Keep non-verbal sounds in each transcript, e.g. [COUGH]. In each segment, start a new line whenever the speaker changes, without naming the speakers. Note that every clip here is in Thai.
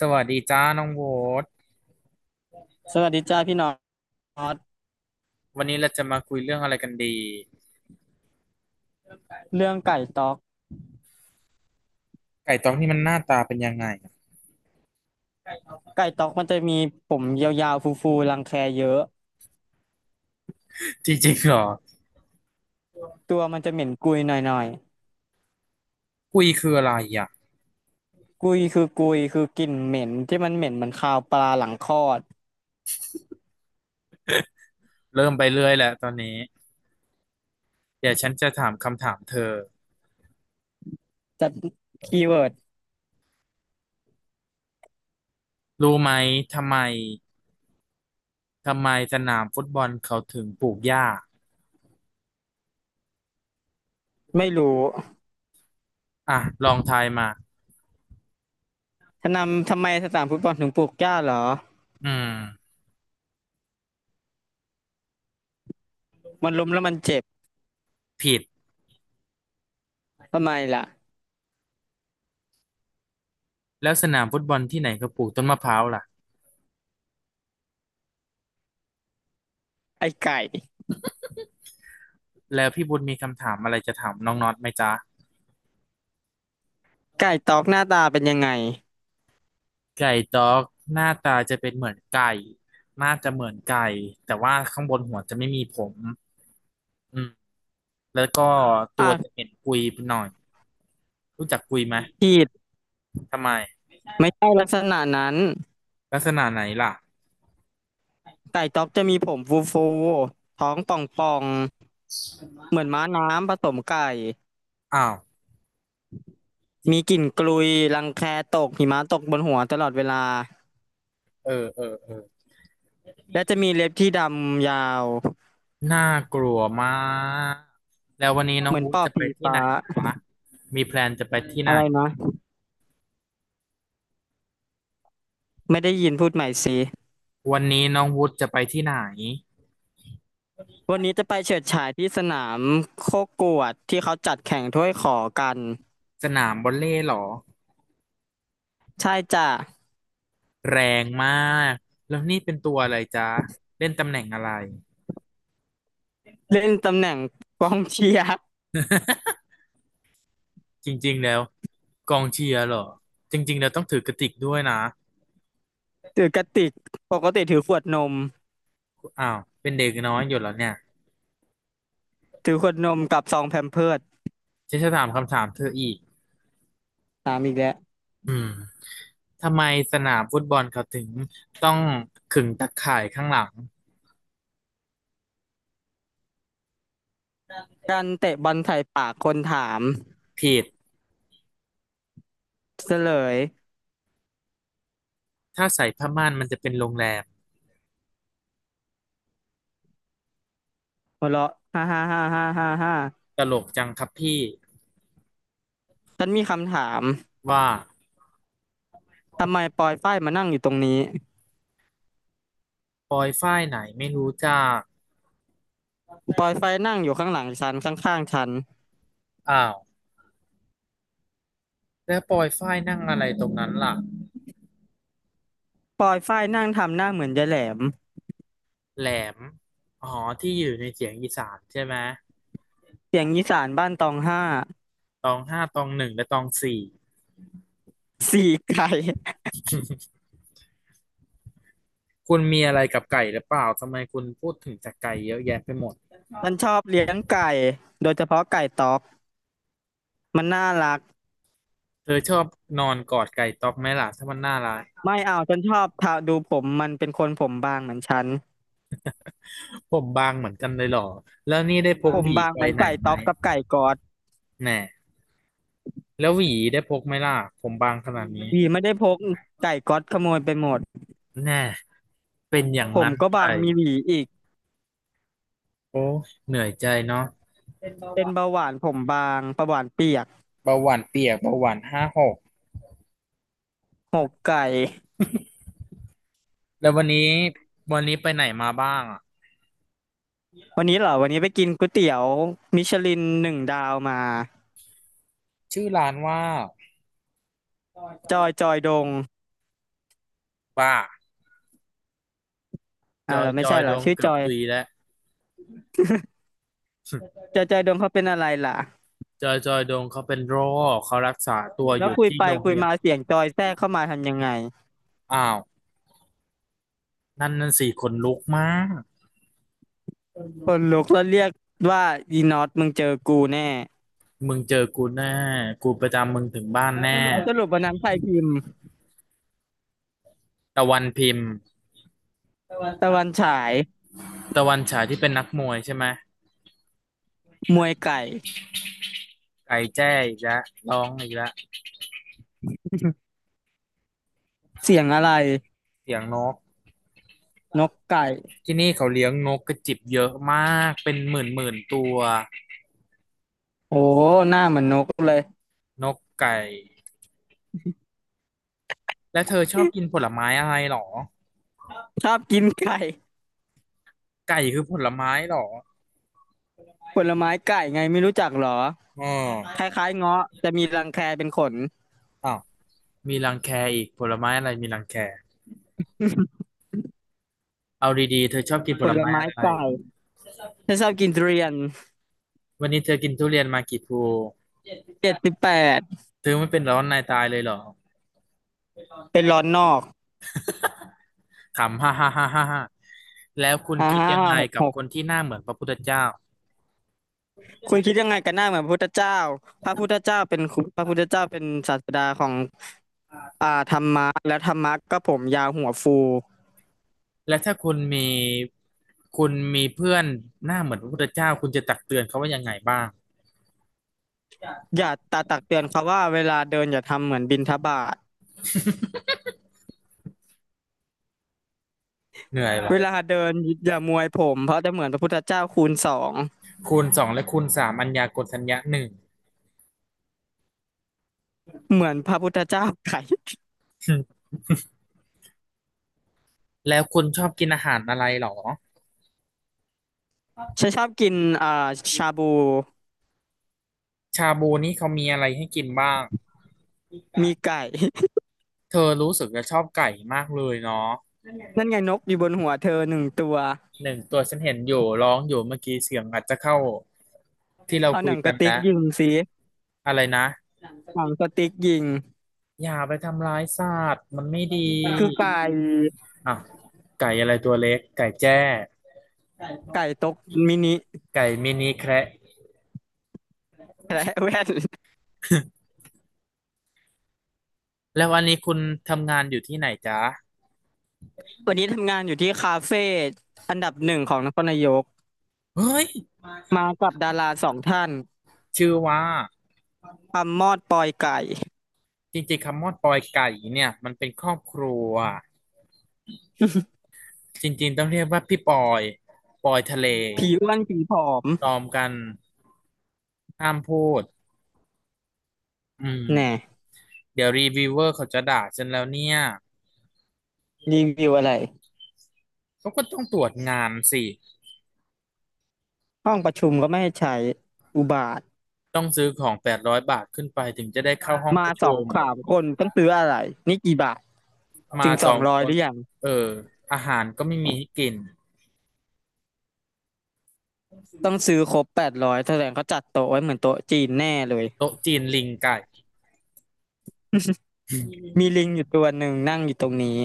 สวัสดีจ้าน้องโบ๊ท
สวัสดีจ้าพี่น็อต
วันนี้เราจะมาคุยเรื่องอะไรกันดี
เรื่องไก่ต๊อก
ไก่ตองนี่มันหน้าตาเป็นยังไง
ไก่ต๊อกมันจะมีผมยาวๆฟูๆรังแคเยอะ
จริงๆเหรอ
ตัวมันจะเหม็นกุยหน่อย
คุยคืออะไรอ่ะ
ๆกุยคือกลิ่นเหม็นที่มันเหม็นเหมือนคาวปลาหลังคลอด
เริ่มไปเรื่อยแหละตอนนี้เดี๋ยวฉันจะถามคำถามเธอ
จะคีย์เวิร์ด
รู้ไหมทำไมทำไมสนามฟุตบอลเขาถึงปลูกหญ้า
ไม่รู้
อ่ะลองทายมา
ทำไมสนามฟุตบอลถึงปลูกหญ้าเหรอ
อืม
มันล้มแล้วมันเจ็บ
ผิด
ทำไมล่ะ
แล้วสนามฟุตบอลที่ไหนเขาปลูกต้นมะพร้าวล่ะ
ไอ้ไก่
แล้วพี่บุญมีคำถามอะไรจะถามน้องน็อตไหมจ๊ะ
ไก่ต๊อกหน้าตาเป็นยังไง
ไก่ด็อกหน้าตาจะเป็นเหมือนไก่น่าจะเหมือนไก่แต่ว่าข้างบนหัวจะไม่มีผมอืมแล้วก็ตัวจะ
อ่ะ
เป็นกุยปหน่อยรู้จักกุยไหม
ผิด
ทำไม
ไม่ใช่ลักษณะนั้น
ลักษณะไหนล่ะ
ไก่ต๊อกจะมีผมฟูๆท้องป่อง เหมือนม้าน้ำผสมไก่
อ้าว
มี
จิ
กลิ่นกลุยรังแคตกหิมะตกบนหัวตลอดเวลา
เออเออเออ
และจะมีเล็บที่ดำยาว
น่ากลัวมากแล้ววันนี้น้อ
เห
ง
มือน
วู
ป
ด
อบ
จะไป
ผี
ที่ไห
ฟ้า
นนะมีแพลนจะไปที่ไหน
อะไรนะไม่ได้ยินพูดใหม่สิ
วันนี้น้องวูดจะไปที่ไหน
วันนี้จะไปเฉิดฉายที่สนามโคกวดที่เขาจัดแข่งถ้วยขอกัน
สนามบอลเล่เหรอ
ใช่จ้ะ
แรงมากแล้วนี่เป็นตัวอะไรจ๊ะเล่นตำแหน่งอะไร
เล่นตำแหน่งกองเชียร์
จริงๆแล้วกองเชียร์เหรอจริงๆแล้วต้องถือกระติกด้วยนะ
ถือกระติกปกติถือขวดนม
อ้าวเป็นเด็กน้อยอยู่แล้วเนี่ย
ถือขวดนมกับซองแพมเพิร์ส
ฉันจะถามคำถามเธออีก
ตามอีกแล้ว
อืมทำไมสนามฟุตบอลเขาถึงต้องขึงตะข่ายข้างหลัง
การเตะบอลใส่ปากคนถาม
ผิด
เฉลย
ถ้าใส่ผ้าม่านมันจะเป็นโรงแรม
หัวเราะฮ่าฮ่าฮ่าฮ่าฮ่าฮ่า
ตลกจังครับพี่
ฉันมีคำถาม
ว่า
ทำไมปอยฝ้ายมานั่งอยู่ตรงนี้
ปอยฝ้ายไหนไม่รู้จัก
ปอยฝ้ายนั่งอยู่ข้างหลังฉันข้างๆฉัน
อ้าวแล้วปอยฝ้ายนั่งอะไรตรงนั้นล่ะ
ปอยฝ้ายนั่งทำหน้าเหมือนยายแหลม
แหลมอ๋อที่อยู่ในเสียงอีสานใช่ไหม
เสียงอีสานบ้านตองห้า
ตองห้าตองหนึ่งและตองสี่
สี่ไก่
คุณมีอะไรกับไก่หรือเปล่าทำไมคุณพูดถึงแต่ไก่เยอะแยะไปหมด
ฉันชอบเลี้ยงไก่โดยเฉพาะไก่ต๊อกมันน่ารัก
เธอชอบนอนกอดไก่ต๊อกไหมล่ะถ้ามันน่ารัก
ไม่เอาฉันชอบทาดูผมมันเป็นคนผมบางเหมือนฉัน
ผมบางเหมือนกันเลยเหรอแล้วนี่ได้พก
ผ
ห
ม
วี
บาง
ไป
เหมือน
ไหน
ไก่
ไหม
ต๊อกกับไก่กอด
แน่แล้วหวีได้พกไหมล่ะผมบางขนาดนี้
หวีไม่ได้พกไก่ก๊อดขโมยไปหมด
แน่เป็นอย่าง
ผม
นั้น
ก็
ไป
บางมีหวีอีก
โอ้เหนื่อยใจเนาะ
เป็นเบาหวานผมบางเบาหวานเปียก
เบาหวานเปียกเบาหวาน5 6
หมกไก่
แล้ววันนี้วันนี้ไปไหนมาบ้างอ่ะ
วันนี้เหรอ วันนี้ไปกินก๋วยเตี๋ยวมิชลินหนึ่งดาวมา
ชื่อร้านว่า
จอยจอยดง
บ้าจ
อ่าว
อ
เหร
ย
อไม่
จอ
ใช่
ย
เหร
โด
อ
ง
ชื่อ
เกื
จ
อบ
อย
ตุยแล้ว
จอยจอ
[LAUGHS]
ยดงเขาเป็นอะไรล่ะ
จอยจอยดงเขาเป็นโรคเขารักษาตัวอ
แล้ว
ยู่
คุย
ที่
ไป
โรงพ
คุย
ยา
มา
บา
เสียงจอ
ล
ยแทรกเข้ามาทำยังไง
อ้าวนั่นนั่นสี่คนลุกมาก
คนลุกแล้วเรียกว่าอีน็อตมึงเจอกูแน่
มึงเจอกูแน่กูประจำมึงถึงบ้านแน่
แล้วสรุปวันนั้นใครพิมพ์
ตะวันพิมพ์
ตะวันฉาย
ตะวันฉายที่เป็นนักมวยใช่ไหม
มวยไก่
ไก่แจ้อีกแล้วร้องอีกแล้ว
เสียงอะไร
เสียงนก
นกไก่
ที่นี่เขาเลี้ยงนกกระจิบเยอะมากเป็นหมื่นหมื่นตัว
โอ้ หน้าเหมือนนกเลย
นกไก่และเธอชอบกินผลไม้อะไรหรอ
ชอบกินไก่
ไก่คือผลไม้หรอ
ผลไม้ไก่ไงไม่รู้จักเหรอ
อ๋อ
คล้ายๆเงาะจะมีรังแคเป็นขน
อ้าวมีรังแคอีกผลไม้อะไรมีรังแค เอาดีๆเธอชอบกินผ
ผ
ล
ล
ไม้
ไม้
อะไร
เก่าฉันชอบกินทุเรียน
วันนี้เธอกินทุเรียนมากี่พลู
เจ็ดสิบแปด
เธอไม่เป็นร้อนในตายเลยเหรอ
เป็นร้อนนอก
ขำฮ่าฮ่าฮ่าฮ่าฮ่าแล้วคุณคิด
ห้า
ยังไง
หก
กั
ห
บคน
ก
ที่หน้าเหมือนพระพุทธเจ้า
คุณคิดยังไงกันหน้าเหมือนพระพุทธเจ้าพระพุทธเจ้าเป็นครูพระพุทธเจ้าเป็นศาสดาของธรรมะและธรรมะก็ผมยาวหัวฟู
และถ้าคุณมีคุณมีเพื่อนหน้าเหมือนพระพุทธเจ้าคุณจะตักเตือนเขาว่ายังไงบ้าง
อย่าตักเตือนเขาว่าเวลาเดินอย่าทำเหมือนบิณฑบาต
เหนื่อยวะ
เวลาเดินอย่ามวยผมเพราะจะเหมือนพระพุทธเจ้าคูณสอง
คูณสองและคูณสามอัญญากลทัญญะหนึ่ง [LAUGHS]
เหมือนพระพุทธเจ้าไก่
แล้วคุณชอบกินอาหารอะไรเหรอ
[LAUGHS] ฉันชอบกินอ่าชาบู
ชาบูนี่เขามีอะไรให้กินบ้าง
มีไก่
เธอรู้สึกจะชอบไก่มากเลยเนาะ
[LAUGHS] นั่นไงนกอยู่บนหัวเธอหนึ่งตัว
หนึ่งตัวฉันเห็นอยู่ร้องอยู่เมื่อกี้เสียงอาจจะเข้าที่เรา
เอา
คุ
หนั
ย
งก
กัน
ระติก
นะ
ยิงสิ
อะไรนะ
หนังกระติกยิง
อย่าไปทำร้ายสัตว์มันไม่ดี
มันคือไก่
อ่ะไก่อะไรตัวเล็กไก่แจ้
ไก่ตกมินิ
ไก่มินิแคระ
และแว่น [LAUGHS]
แล้ววันนี้คุณทำงานอยู่ที่ไหนจ๊ะ
วันนี้ทำงานอยู่ที่คาเฟ่อันดับหนึ่งของนครนายก
เฮ้ย
มากับดาราสองท่าน
ชื่อว่า
คำมอดปอยไก่
จริงๆคำว่าปอยไก่เนี่ยมันเป็นครอบครัว
[LAUGHS]
จริงๆต้องเรียกว่าพี่ปอยปอยทะเล
ผีอ้วนผีผอม
ตอมกันห้ามพูดอืม
แน่
เดี๋ยวรีวิวเวอร์เขาจะด่าฉันแล้วเนี่ย
รีวิวอะไร
เขาก็ต้องตรวจงานสิ
ห้องประชุมก็ไม่ให้ใช้อุบาท
ต้องซื้อของ800บาทขึ้นไปถึงจะได้เข้าห้องป
มา
ระ
ส
ชุ
อง
ม
สามคนต้องซื้ออะไรนี่กี่บาท
มา
ถึงส
ส
อ
อ
ง
ง
ร้อ
ค
ยห
น
รือยัง
เอออาหารก็ไม่มีให้กิน
ต้องซื้อครบ800แสดงเขาจัดโต๊ะไว้เหมือนโต๊ะจีนแน่เลย
โต๊ะจีนลิงไก่
มีลิงอยู่ตัวหนึ่งนั่งอยู่ตรงนี้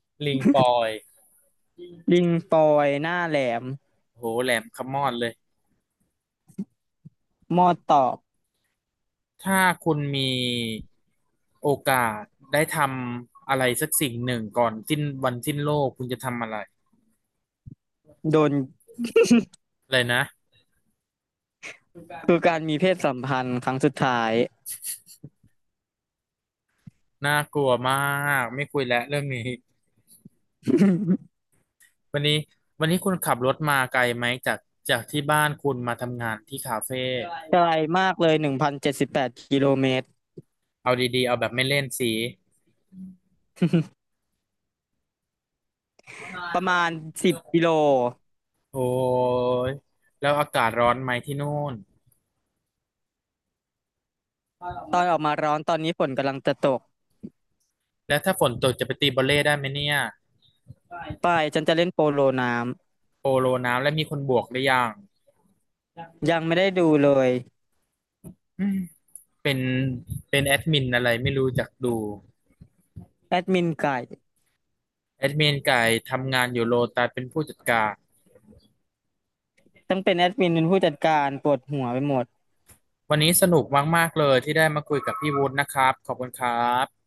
[LAUGHS] ลิงปอย
ลิงปอยหน้าแหลม
โหแหลมขมอดเลย
มอดตอบ
ถ้าคุณมีโอกาสได้ทำอะไรสักสิ่งหนึ่งก่อนสิ้นวันสิ้นโลกคุณจะทำอะไร
โดน
อะไรนะ
คือการมีเพศสัมพันธ์ครั้งสุดท้าย
น่ากลัวมากไม่คุยแล้วเรื่องนี้
[LAUGHS]
วันนี้วันนี้คุณขับรถมาไกลไหมจากจากที่บ้านคุณมาทำงานที่คาเฟ่
ไกลมากเลย1,078 กิโลเมตร
เอาดีๆเอาแบบไม่เล่นสี
ประมาณ10 กิโล
โอ้ยแล้วอากาศร้อนไหมที่นู่น
ตอนออกมาร้อนตอนนี้ฝนกำลังจะตก
แล้วถ้าฝนตกจะไปตีบอลเล่ได้ไหมเนี่ย
ไปฉันจะเล่นโปโลน้
โปโลน้ำและมีคนบวกหรือยัง
ำยังไม่ได้ดูเลย
อืมเป็นเป็นแอดมินอะไรไม่รู้จักดู
แอดมินไก่
แอดมินไก่ทำงานอยู่โลตัสเป็นผู้จัดการ
ต้องเป็นแอดมินเป็นผู้จัดการปวดหัวไปหมด
วันนี้สนุกมากๆเลยที่ได้มาคุยกับพี่วุฒินะครับขอบคุณครับ